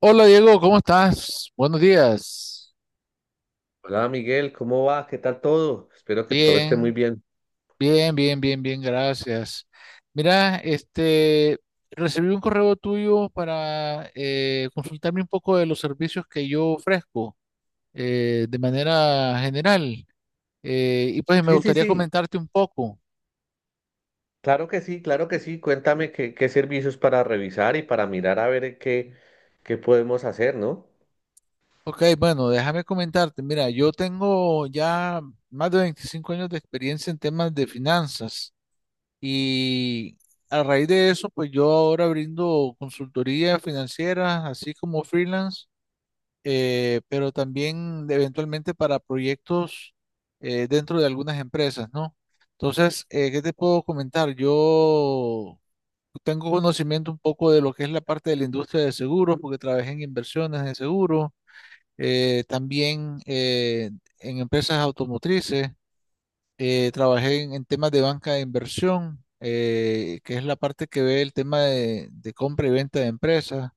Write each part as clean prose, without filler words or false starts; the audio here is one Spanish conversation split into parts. Hola Diego, ¿cómo estás? Buenos días. Hola Miguel, ¿cómo vas? ¿Qué tal todo? Espero que todo esté muy Bien, bien. bien, bien, bien, bien, gracias. Mira, este, recibí un correo tuyo para consultarme un poco de los servicios que yo ofrezco de manera general. Y pues me Sí, sí, gustaría sí, comentarte un poco. claro que sí, claro que sí. Cuéntame qué servicios para revisar y para mirar a ver qué podemos hacer, ¿no? Ok, bueno, déjame comentarte. Mira, yo tengo ya más de 25 años de experiencia en temas de finanzas. Y a raíz de eso, pues yo ahora brindo consultoría financiera, así como freelance, pero también eventualmente para proyectos dentro de algunas empresas, ¿no? Entonces, ¿qué te puedo comentar? Yo tengo conocimiento un poco de lo que es la parte de la industria de seguros, porque trabajé en inversiones de seguros, también en empresas automotrices. Trabajé en temas de banca de inversión, que es la parte que ve el tema de compra y venta de empresas,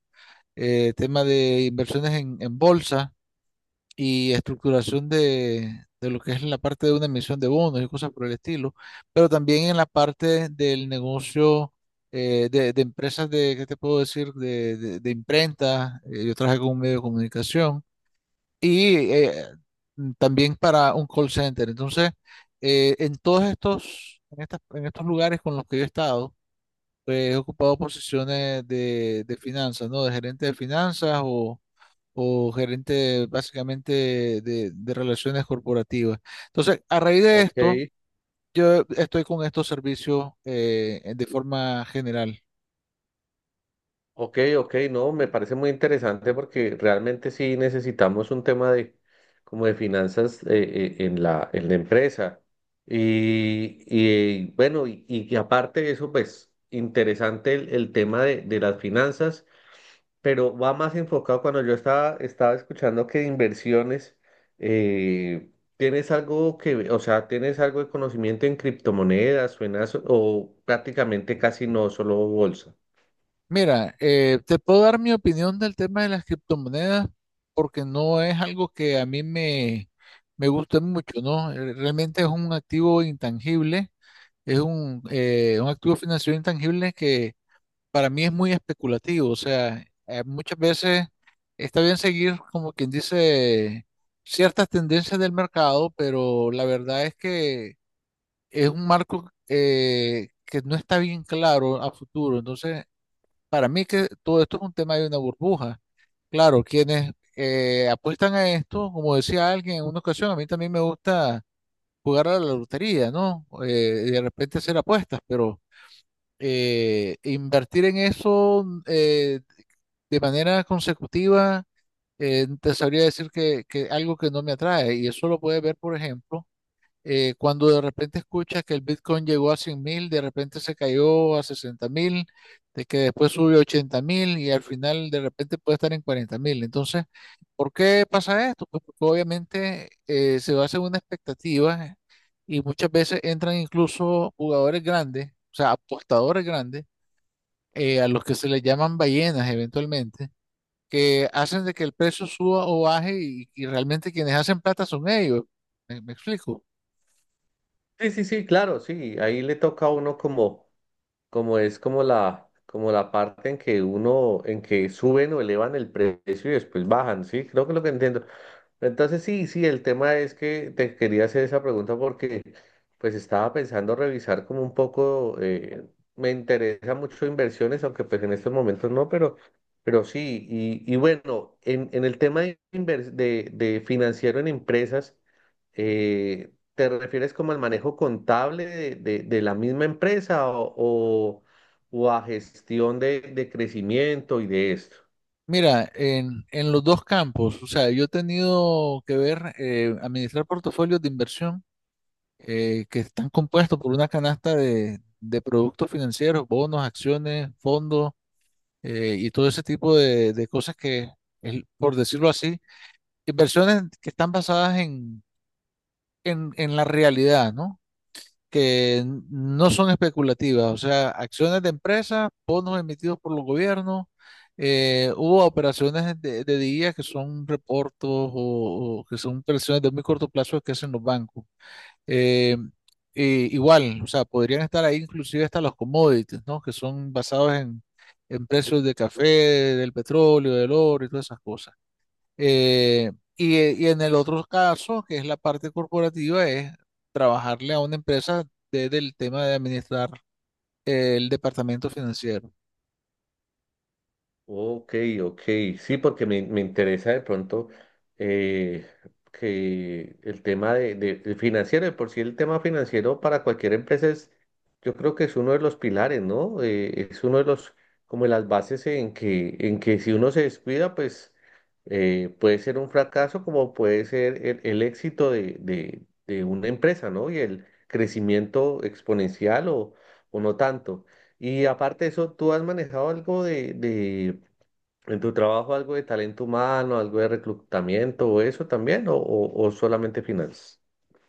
tema de inversiones en bolsa y estructuración de lo que es la parte de una emisión de bonos y cosas por el estilo, pero también en la parte del negocio de empresas de, ¿qué te puedo decir?, de imprenta, yo trabajé con un medio de comunicación y también para un call center. Entonces, en todos estos, en estas, en estos lugares con los que yo he estado, pues, he ocupado posiciones de finanzas, ¿no? De gerente de finanzas o gerente básicamente de relaciones corporativas. Entonces, a raíz de Ok, esto, yo estoy con estos servicios de forma general. ok, ok, no, me parece muy interesante porque realmente sí necesitamos un tema de como de finanzas, en en la empresa. Y bueno, y aparte de eso, pues interesante el tema de las finanzas, pero va más enfocado cuando yo estaba escuchando que de inversiones. eh, ¿Tienes algo que, o sea, tienes algo de conocimiento en criptomonedas, suenas o prácticamente casi no, solo bolsa? Mira, te puedo dar mi opinión del tema de las criptomonedas porque no es algo que a mí me guste mucho, ¿no? Realmente es un activo intangible, es un activo financiero intangible que para mí es muy especulativo, o sea, muchas veces está bien seguir, como quien dice, ciertas tendencias del mercado, pero la verdad es que es un marco que no está bien claro a futuro, entonces para mí que todo esto es un tema de una burbuja. Claro, quienes apuestan a esto, como decía alguien en una ocasión, a mí también me gusta jugar a la lotería, ¿no? Y de repente hacer apuestas, pero invertir en eso de manera consecutiva, te sabría decir que algo que no me atrae. Y eso lo puedes ver, por ejemplo cuando de repente escuchas que el Bitcoin llegó a 100.000, de repente se cayó a 60.000, de que después sube a 80.000 y al final de repente puede estar en 40.000. Entonces, ¿por qué pasa esto? Pues porque obviamente se basa en una expectativa y muchas veces entran incluso jugadores grandes, o sea, apostadores grandes, a los que se les llaman ballenas eventualmente, que hacen de que el precio suba o baje y realmente quienes hacen plata son ellos. ¿Me explico? Sí, sí, sí, claro, sí, ahí le toca a uno como... como es como como la parte en que uno, en que suben o elevan el precio y después bajan, ¿sí? Creo que es lo que entiendo. Entonces sí, sí, el tema es que te quería hacer esa pregunta porque pues estaba pensando revisar como un poco. Me interesa mucho inversiones, aunque pues en estos momentos no, pero sí. Y bueno, en el tema de, de financiero en empresas. eh, ¿Te refieres como al manejo contable de, de la misma empresa o, o a gestión de crecimiento y de esto? Mira, en los dos campos, o sea, yo he tenido que ver, administrar portafolios de inversión que están compuestos por una canasta de productos financieros, bonos, acciones, fondos y todo ese tipo de cosas que, por decirlo así, inversiones que están basadas en la realidad, ¿no? Que no son especulativas, o sea, acciones de empresas, bonos emitidos por los gobiernos, hubo operaciones de día que son reportos o que son operaciones de muy corto plazo que hacen los bancos. Eh, igual, o sea, podrían estar ahí inclusive hasta los commodities, ¿no? Que son basados en precios de café, del petróleo, del oro y todas esas cosas. Y en el otro caso, que es la parte corporativa, es trabajarle a una empresa desde el tema de administrar el departamento financiero. Ok, ok, sí, porque me interesa de pronto, eh, que el tema de, del financiero, de por sí el tema financiero para cualquier empresa es, yo creo que es uno de los pilares, ¿no? Es uno de los, como las bases en que si uno se descuida, pues puede ser un fracaso como puede ser el éxito de una empresa, ¿no? Y el crecimiento exponencial o no tanto. Y aparte de eso, ¿tú has manejado algo de en tu trabajo, algo de talento humano, algo de reclutamiento o eso también, o, o solamente finanzas?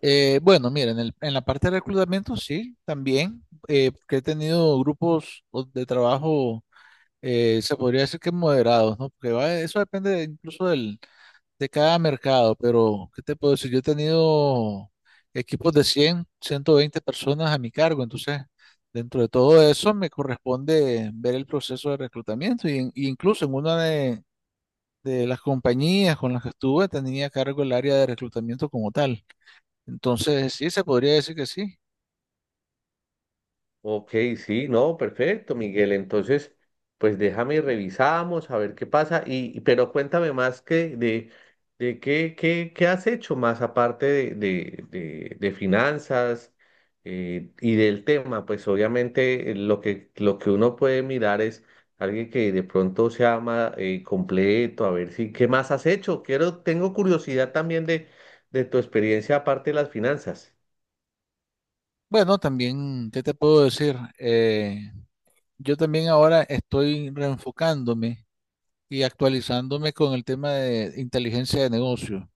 Bueno, miren, en la parte de reclutamiento sí, también, que he tenido grupos de trabajo, se podría decir que moderados, ¿no? Porque va, eso depende incluso del, de cada mercado, pero ¿qué te puedo decir? Yo he tenido equipos de 100, 120 personas a mi cargo, entonces dentro de todo eso me corresponde ver el proceso de reclutamiento y, y incluso en una de las compañías con las que estuve tenía a cargo el área de reclutamiento como tal. Entonces sí, se podría decir que sí. Ok, sí, no, perfecto, Miguel. Entonces, pues déjame y revisamos a ver qué pasa. Pero cuéntame más que de qué has hecho más aparte de, de finanzas, y del tema. Pues obviamente, lo que uno puede mirar es alguien que de pronto se ama, completo, a ver si, ¿qué más has hecho? Quiero, tengo curiosidad también de tu experiencia aparte de las finanzas. Bueno, también, ¿qué te puedo decir? Yo también ahora estoy reenfocándome y actualizándome con el tema de inteligencia de negocio.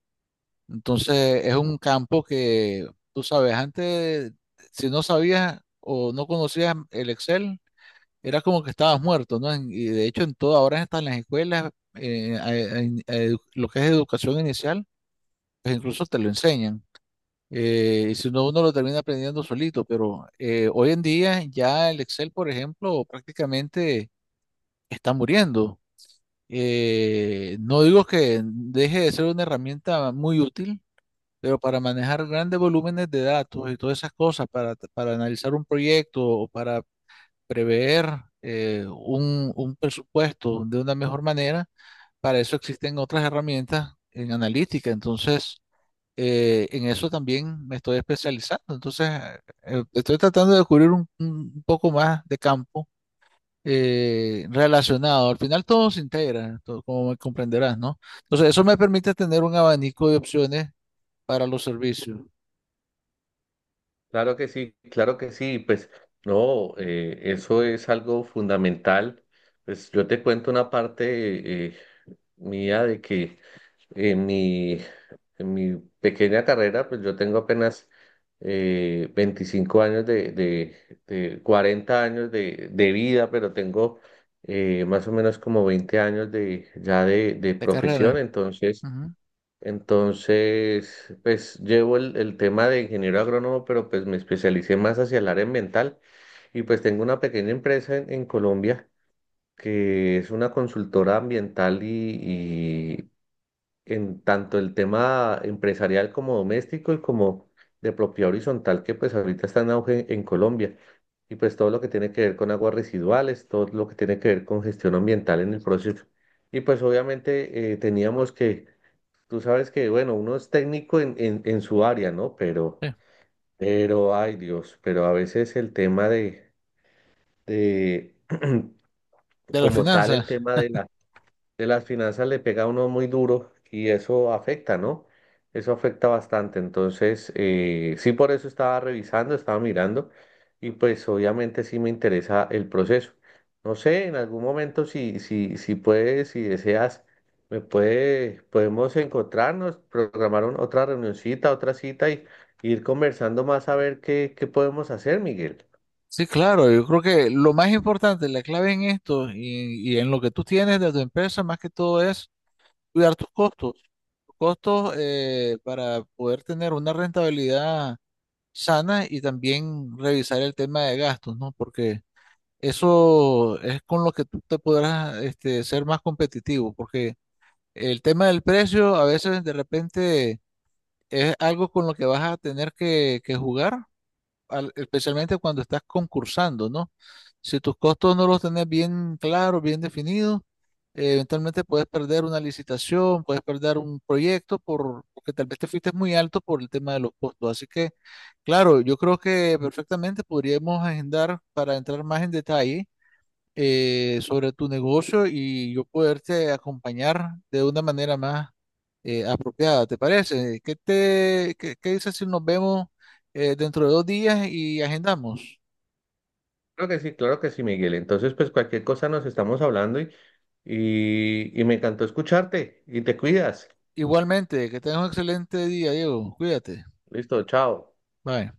Entonces es un campo que, tú sabes, antes, si no sabías o no conocías el Excel, era como que estabas muerto, ¿no? Y de hecho en todas horas están las escuelas, lo que es educación inicial, pues incluso te lo enseñan. Y si no, uno lo termina aprendiendo solito, pero hoy en día ya el Excel, por ejemplo, prácticamente está muriendo. No digo que deje de ser una herramienta muy útil, pero para manejar grandes volúmenes de datos y todas esas cosas, para analizar un proyecto o para prever un presupuesto de una mejor manera, para eso existen otras herramientas en analítica. Entonces, en eso también me estoy especializando. Entonces, estoy tratando de descubrir un poco más de campo relacionado. Al final todo se integra, como comprenderás, ¿no? Entonces, eso me permite tener un abanico de opciones para los servicios. Claro que sí, pues no, eso es algo fundamental. Pues yo te cuento una parte, mía de que en mi, en mi pequeña carrera, pues yo tengo apenas 25 años de 40 años de vida, pero tengo más o menos como 20 años de, ya de De profesión, carrera. entonces... Ujú, Entonces, pues llevo el tema de ingeniero agrónomo, pero pues me especialicé más hacia el área ambiental, y pues tengo una pequeña empresa en Colombia, que es una consultora ambiental y en tanto el tema empresarial como doméstico y como de propiedad horizontal, que pues ahorita está en auge en Colombia. Y pues todo lo que tiene que ver con aguas residuales, todo lo que tiene que ver con gestión ambiental en el proceso. Y pues obviamente, teníamos que... Tú sabes que, bueno, uno es técnico en su área, ¿no? Pero, sí. pero, ay Dios, pero a veces el tema de De las como tal, finanzas. el tema de la, de las finanzas le pega a uno muy duro y eso afecta, ¿no? Eso afecta bastante. Entonces, sí, por eso estaba revisando, estaba mirando, y pues obviamente sí me interesa el proceso. No sé, en algún momento si, si, si puedes, si deseas, podemos encontrarnos, programar otra reunioncita, otra cita, y ir conversando más a ver qué podemos hacer, Miguel. Sí, claro, yo creo que lo más importante, la clave en esto y en lo que tú tienes de tu empresa, más que todo es cuidar tus costos. Tus costos para poder tener una rentabilidad sana y también revisar el tema de gastos, ¿no? Porque eso es con lo que tú te podrás, este, ser más competitivo, porque el tema del precio a veces de repente es algo con lo que vas a tener que jugar, especialmente cuando estás concursando, ¿no? Si tus costos no los tenés bien claros, bien definidos, eventualmente puedes perder una licitación, puedes perder un proyecto porque tal vez te fuiste muy alto por el tema de los costos. Así que, claro, yo creo que perfectamente podríamos agendar para entrar más en detalle sobre tu negocio y yo poderte acompañar de una manera más apropiada, ¿te parece? ¿Qué dices si nos vemos dentro de 2 días y agendamos? Claro que sí, Miguel. Entonces, pues cualquier cosa nos estamos hablando, y me encantó escucharte y te cuidas. Igualmente, que tengas un excelente día, Diego. Cuídate. Listo, chao. Bye.